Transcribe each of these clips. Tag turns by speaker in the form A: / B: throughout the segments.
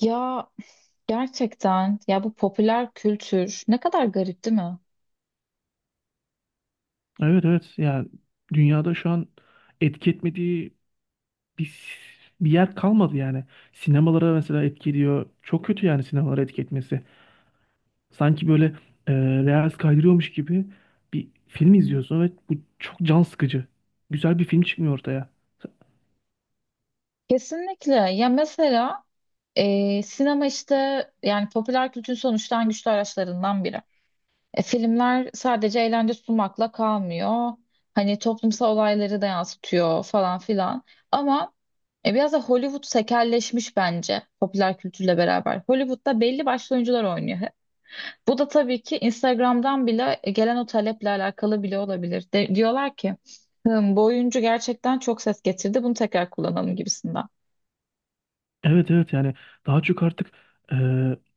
A: Ya gerçekten ya, bu popüler kültür ne kadar garip, değil mi?
B: Evet evet yani dünyada şu an etki etmediği bir, bir yer kalmadı yani. Sinemalara mesela etki ediyor. Çok kötü yani sinemalara etki etmesi. Sanki böyle e, reels kaydırıyormuş gibi bir film izliyorsun ve bu çok can sıkıcı. Güzel bir film çıkmıyor ortaya.
A: Kesinlikle. Ya mesela sinema işte, yani popüler kültürün sonuçta en güçlü araçlarından biri. Filmler sadece eğlence sunmakla kalmıyor. Hani toplumsal olayları da yansıtıyor falan filan. Ama biraz da Hollywood tekelleşmiş bence popüler kültürle beraber. Hollywood'da belli başlı oyuncular oynuyor. Bu da tabii ki Instagram'dan bile gelen o taleple alakalı bile olabilir. Diyorlar ki "Hım, bu oyuncu gerçekten çok ses getirdi, bunu tekrar kullanalım" gibisinden.
B: Evet evet yani daha çok artık e,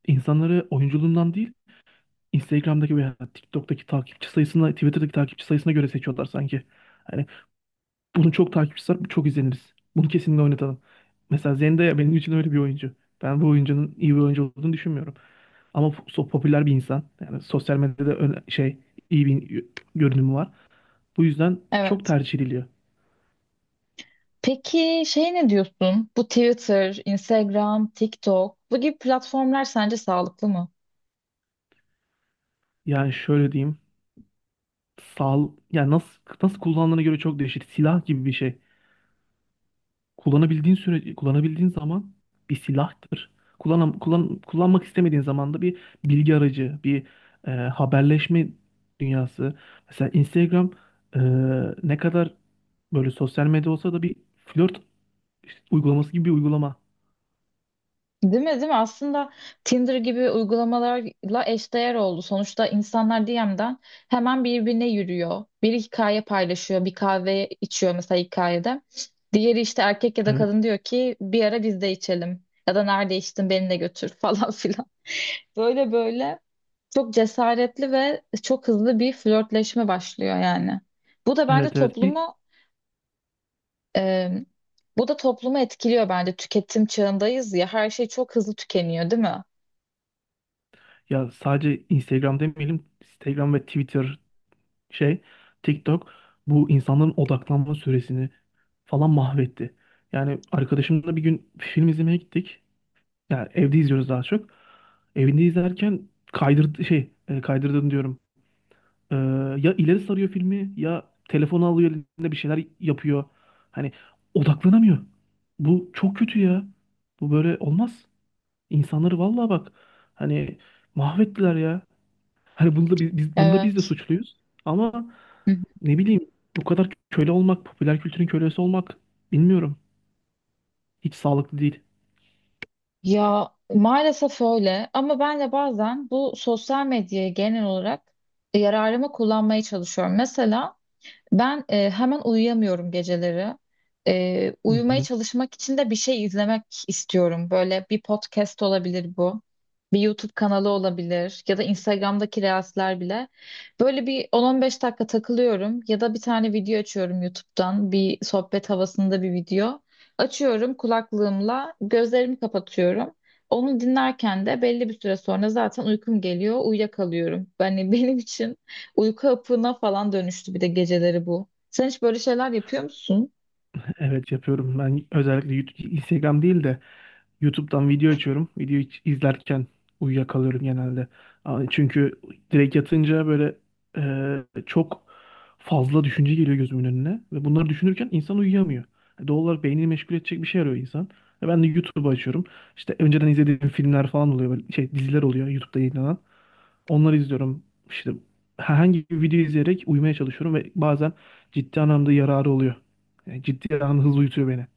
B: insanları oyunculuğundan değil Instagram'daki veya TikTok'taki takipçi sayısına, Twitter'daki takipçi sayısına göre seçiyorlar sanki. Hani bunu çok takipçisi var, çok izleniriz. Bunu kesinlikle oynatalım. Mesela Zendaya benim için öyle bir oyuncu. Ben bu oyuncunun iyi bir oyuncu olduğunu düşünmüyorum. Ama popüler bir insan. Yani sosyal medyada şey, iyi bir görünümü var. Bu yüzden çok
A: Evet.
B: tercih ediliyor.
A: Peki şey, ne diyorsun? Bu Twitter, Instagram, TikTok bu gibi platformlar sence sağlıklı mı?
B: Yani şöyle diyeyim. Sağ, yani nasıl kullandığına göre çok değişir. Silah gibi bir şey. Kullanabildiğin süre kullanabildiğin zaman bir silahtır. Kullanmak istemediğin zaman da bir bilgi aracı, bir haberleşme dünyası. Mesela Instagram e, ne kadar böyle sosyal medya olsa da bir flört uygulaması gibi bir uygulama.
A: Değil mi, değil mi? Aslında Tinder gibi uygulamalarla eşdeğer oldu. Sonuçta insanlar DM'den hemen birbirine yürüyor. Biri hikaye paylaşıyor, bir kahve içiyor mesela hikayede. Diğeri işte erkek ya da
B: Evet.
A: kadın diyor ki bir ara biz de içelim. Ya da nerede içtin beni de götür falan filan. Böyle böyle çok cesaretli ve çok hızlı bir flörtleşme başlıyor yani. Bu da bence
B: Evet evet. İlk
A: toplumu e, Bu da toplumu etkiliyor bence. Tüketim çağındayız ya, her şey çok hızlı tükeniyor, değil mi?
B: ya sadece Instagram demeyelim. Instagram ve Twitter şey, TikTok bu insanların odaklanma süresini falan mahvetti. Yani arkadaşımla bir gün film izlemeye gittik. Yani evde izliyoruz daha çok. Evinde izlerken kaydırdığını diyorum. Ee, ya ileri sarıyor filmi ya telefonu alıyor elinde bir şeyler yapıyor. Hani odaklanamıyor. Bu çok kötü ya. Bu böyle olmaz. İnsanları vallahi bak hani mahvettiler ya. Hani bunda biz de
A: Evet.
B: suçluyuz. Ama
A: Hı hı.
B: ne bileyim bu kadar köle olmak, popüler kültürün kölesi olmak bilmiyorum. Hiç sağlıklı değil.
A: Ya maalesef öyle ama ben de bazen bu sosyal medyayı genel olarak yararıma kullanmaya çalışıyorum. Mesela ben hemen uyuyamıyorum geceleri.
B: Hı
A: Uyumaya
B: hı.
A: çalışmak için de bir şey izlemek istiyorum. Böyle bir podcast olabilir bu. Bir YouTube kanalı olabilir ya da Instagram'daki Reels'ler bile. Böyle bir 10-15 dakika takılıyorum ya da bir tane video açıyorum YouTube'dan. Bir sohbet havasında bir video. Açıyorum kulaklığımla, gözlerimi kapatıyorum. Onu dinlerken de belli bir süre sonra zaten uykum geliyor, uyuyakalıyorum. Yani benim için uyku hapına falan dönüştü bir de geceleri bu. Sen hiç böyle şeyler yapıyor musun?
B: Evet yapıyorum. Ben özellikle Instagram değil de YouTube'dan video açıyorum. İzlerken uyuyakalıyorum genelde. Aa, çünkü direkt yatınca böyle çok fazla düşünce geliyor gözümün önüne. Ve bunları düşünürken insan uyuyamıyor. Doğal olarak beynini meşgul edecek bir şey arıyor insan. Ve ben de YouTube'u açıyorum. İşte önceden izlediğim filmler falan oluyor. Böyle şey diziler oluyor YouTube'da yayınlanan. Onları izliyorum. İşte herhangi bir video izleyerek uyumaya çalışıyorum ve bazen ciddi anlamda yararı oluyor. Yani ciddi anlamda hızlı uyutuyor beni.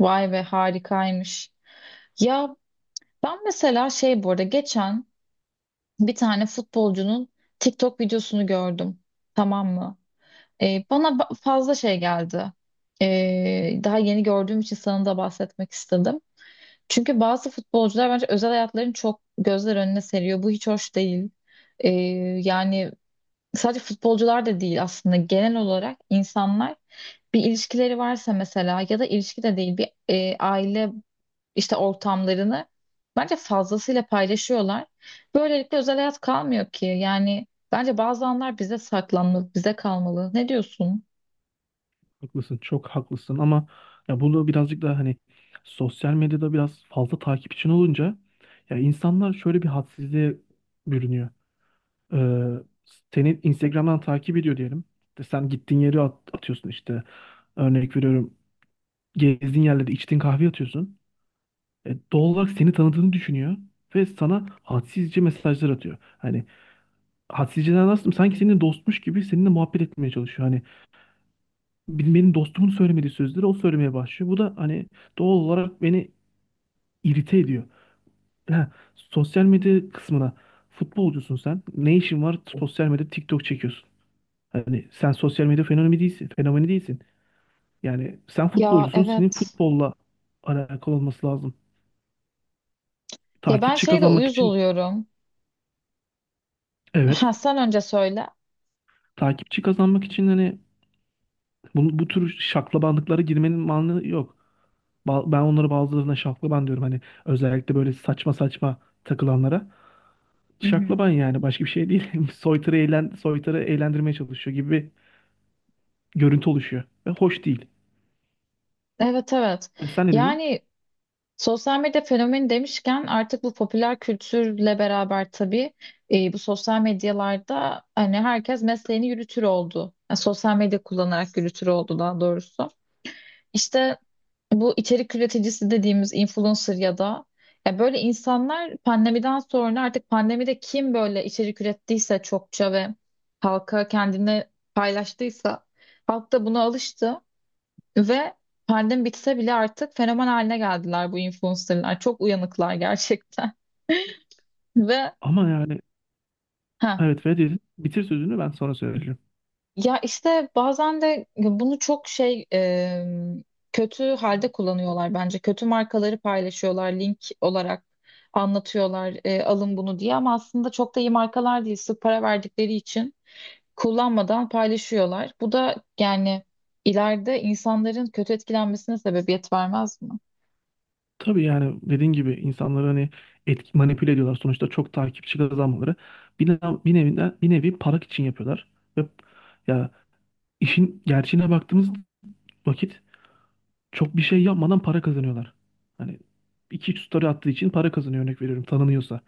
A: Vay be, harikaymış. Ya ben mesela şey, bu arada geçen bir tane futbolcunun TikTok videosunu gördüm. Tamam mı? Bana fazla şey geldi. Daha yeni gördüğüm için sana da bahsetmek istedim. Çünkü bazı futbolcular bence özel hayatlarını çok gözler önüne seriyor. Bu hiç hoş değil. Ee, Yani sadece futbolcular da değil, aslında genel olarak insanlar bir ilişkileri varsa mesela, ya da ilişki de değil, bir aile işte ortamlarını bence fazlasıyla paylaşıyorlar. Böylelikle özel hayat kalmıyor ki. Yani bence bazı anlar bize saklanmalı, bize kalmalı. Ne diyorsun?
B: Haklısın, çok haklısın ama ya bunu birazcık daha hani sosyal medyada biraz fazla takip için olunca ya insanlar şöyle bir hadsizliğe bürünüyor. Ee, seni Instagram'dan takip ediyor diyelim. İşte sen gittiğin yeri atıyorsun işte. Örnek veriyorum. Gezdiğin yerlerde içtiğin kahve atıyorsun. Doğal olarak seni tanıdığını düşünüyor ve sana hadsizce mesajlar atıyor. Hani hadsizceden nasıl sanki senin dostmuş gibi seninle muhabbet etmeye çalışıyor. Hani benim dostumun söylemediği sözleri o söylemeye başlıyor. Bu da hani doğal olarak beni irite ediyor. Ha, sosyal medya kısmına futbolcusun sen. Ne işin var sosyal medyada TikTok çekiyorsun. Hani sen sosyal medya fenomeni değilsin, fenomeni değilsin. Yani sen
A: Ya
B: futbolcusun, senin
A: evet.
B: futbolla alakalı olması lazım.
A: Ya ben
B: Takipçi
A: şeyde
B: kazanmak
A: uyuz
B: için
A: oluyorum.
B: evet,
A: Ha sen önce söyle.
B: takipçi kazanmak için hani bu tür şaklabanlıklara girmenin mantığı yok. Ben onlara bazılarına şaklaban diyorum. Hani özellikle böyle saçma saçma takılanlara.
A: Hı hı.
B: Şaklaban yani başka bir şey değil. Soytarı, soytarı eğlendirmeye çalışıyor gibi bir görüntü oluşuyor. Ve hoş değil.
A: Evet, evet.
B: E sen ne dedin?
A: Yani sosyal medya fenomeni demişken, artık bu popüler kültürle beraber tabii bu sosyal medyalarda hani herkes mesleğini yürütür oldu. Yani sosyal medya kullanarak yürütür oldu daha doğrusu. İşte bu içerik üreticisi dediğimiz influencer ya da ya böyle insanlar, pandemiden sonra artık, pandemide kim böyle içerik ürettiyse çokça ve halka kendini paylaştıysa, halk da buna alıştı. Ve pandemi bitse bile artık fenomen haline geldiler bu influencerlar. Çok uyanıklar gerçekten. Ve
B: Ama yani
A: ha
B: evet ve dedin. Bitir sözünü ben sonra söyleyeceğim.
A: ya işte bazen de bunu çok kötü halde kullanıyorlar bence. Kötü markaları paylaşıyorlar link olarak, anlatıyorlar alın bunu diye ama aslında çok da iyi markalar değil. Sırf para verdikleri için kullanmadan paylaşıyorlar. Bu da yani ileride insanların kötü etkilenmesine sebebiyet vermez mi?
B: Tabii yani dediğin gibi insanları hani manipüle ediyorlar. Sonuçta çok takipçi kazanmaları. Bir nevi para için yapıyorlar. Ve ya işin gerçeğine baktığımız vakit çok bir şey yapmadan para kazanıyorlar. Hani iki üç story attığı için para kazanıyor örnek veriyorum tanınıyorsa.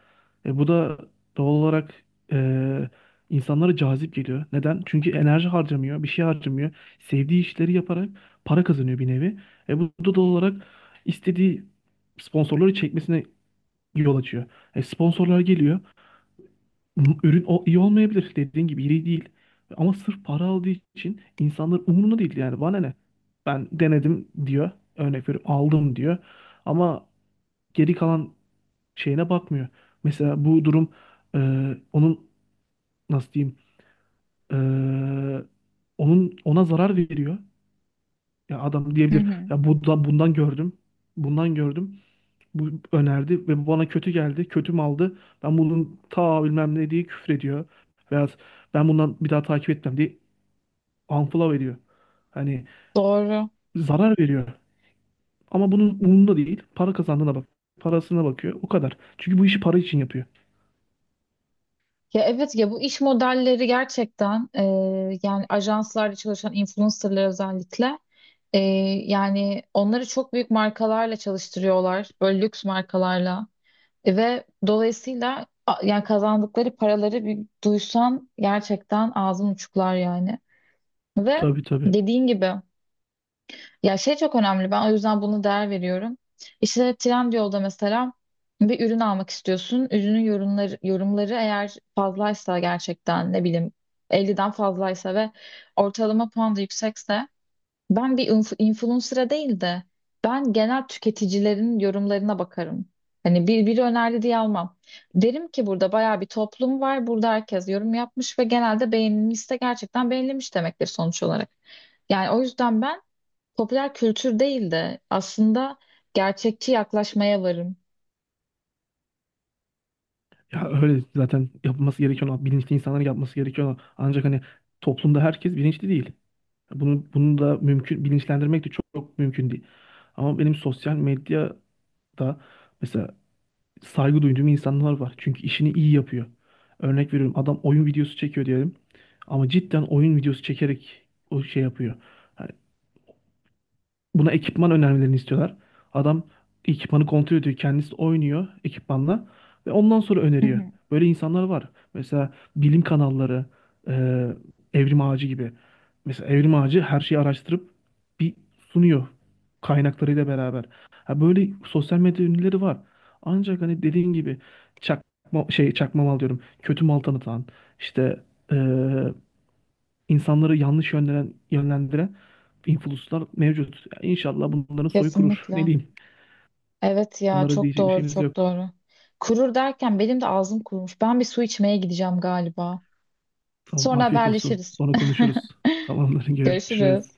B: E, bu da doğal olarak e, insanlara cazip geliyor. Neden? Çünkü enerji harcamıyor, bir şey harcamıyor. Sevdiği işleri yaparak para kazanıyor bir nevi. E, bu da doğal olarak istediği sponsorları çekmesine yol açıyor. E, sponsorlar geliyor. Ürün o iyi olmayabilir. Dediğin gibi iyi değil. Ama sırf para aldığı için insanlar umurunda değil yani. Bana ne? Ben denedim diyor. Örnek veriyorum aldım diyor. Ama geri kalan şeyine bakmıyor. Mesela bu durum e, onun nasıl diyeyim e, onun ona zarar veriyor. Ya adam
A: Hı
B: diyebilir
A: hı.
B: ya bu da bundan gördüm. Bundan gördüm. Bu önerdi ve bu bana kötü geldi. Kötüm aldı. Ben bunun ta bilmem ne diye küfür ediyor. Veya ben bundan bir daha takip etmem diye unfollow ediyor. Hani
A: Doğru.
B: zarar veriyor. Ama bunun umurunda değil. Para kazandığına bak. Parasına bakıyor. O kadar. Çünkü bu işi para için yapıyor.
A: Ya evet, ya bu iş modelleri gerçekten yani ajanslarda çalışan influencerlar özellikle, e, yani onları çok büyük markalarla çalıştırıyorlar, böyle lüks markalarla. E, ve dolayısıyla yani kazandıkları paraları bir duysan gerçekten ağzın uçuklar yani, ve
B: Tabii tabii.
A: dediğin gibi. Ya şey çok önemli. Ben o yüzden buna değer veriyorum. İşte Trendyol'da mesela bir ürün almak istiyorsun. Ürünün yorumları eğer fazlaysa, gerçekten ne bileyim 50'den fazlaysa ve ortalama puan da yüksekse, ben bir influencer'a değil de ben genel tüketicilerin yorumlarına bakarım. Hani biri önerdi diye almam. Derim ki burada bayağı bir toplum var. Burada herkes yorum yapmış ve genelde beğenilmişse gerçekten beğenilmiş demektir sonuç olarak. Yani o yüzden ben popüler kültür değil de aslında gerçekçi yaklaşmaya varım.
B: Ya öyle zaten yapılması gereken, o, bilinçli insanların yapması gereken o. Ancak hani toplumda herkes bilinçli değil. Bunu da mümkün bilinçlendirmek de çok mümkün değil. Ama benim sosyal medyada mesela saygı duyduğum insanlar var. Çünkü işini iyi yapıyor. Örnek veriyorum adam oyun videosu çekiyor diyelim. Ama cidden oyun videosu çekerek o şey yapıyor. Yani buna ekipman önermelerini istiyorlar. Adam ekipmanı kontrol ediyor. Kendisi oynuyor ekipmanla ve ondan sonra
A: Hı
B: öneriyor.
A: hı.
B: Böyle insanlar var. Mesela bilim kanalları, e, Evrim Ağacı gibi. Mesela Evrim Ağacı her şeyi araştırıp bir sunuyor kaynaklarıyla beraber. Ha böyle sosyal medya ünlüleri var. Ancak hani dediğin gibi çakma şey çakma mal diyorum. Kötü mal tanıtan işte e, insanları yanlış yönlendiren influencer'lar mevcut. Yani İnşallah bunların soyu kurur. Ne
A: Kesinlikle.
B: diyeyim?
A: Evet ya,
B: Bunlara
A: çok
B: diyecek bir
A: doğru
B: şeyimiz
A: çok
B: yok.
A: doğru. Kurur derken benim de ağzım kurumuş. Ben bir su içmeye gideceğim galiba.
B: Tamam,
A: Sonra
B: afiyet olsun.
A: haberleşiriz.
B: Sonra konuşuruz. Tamamdır, görüşürüz.
A: Görüşürüz.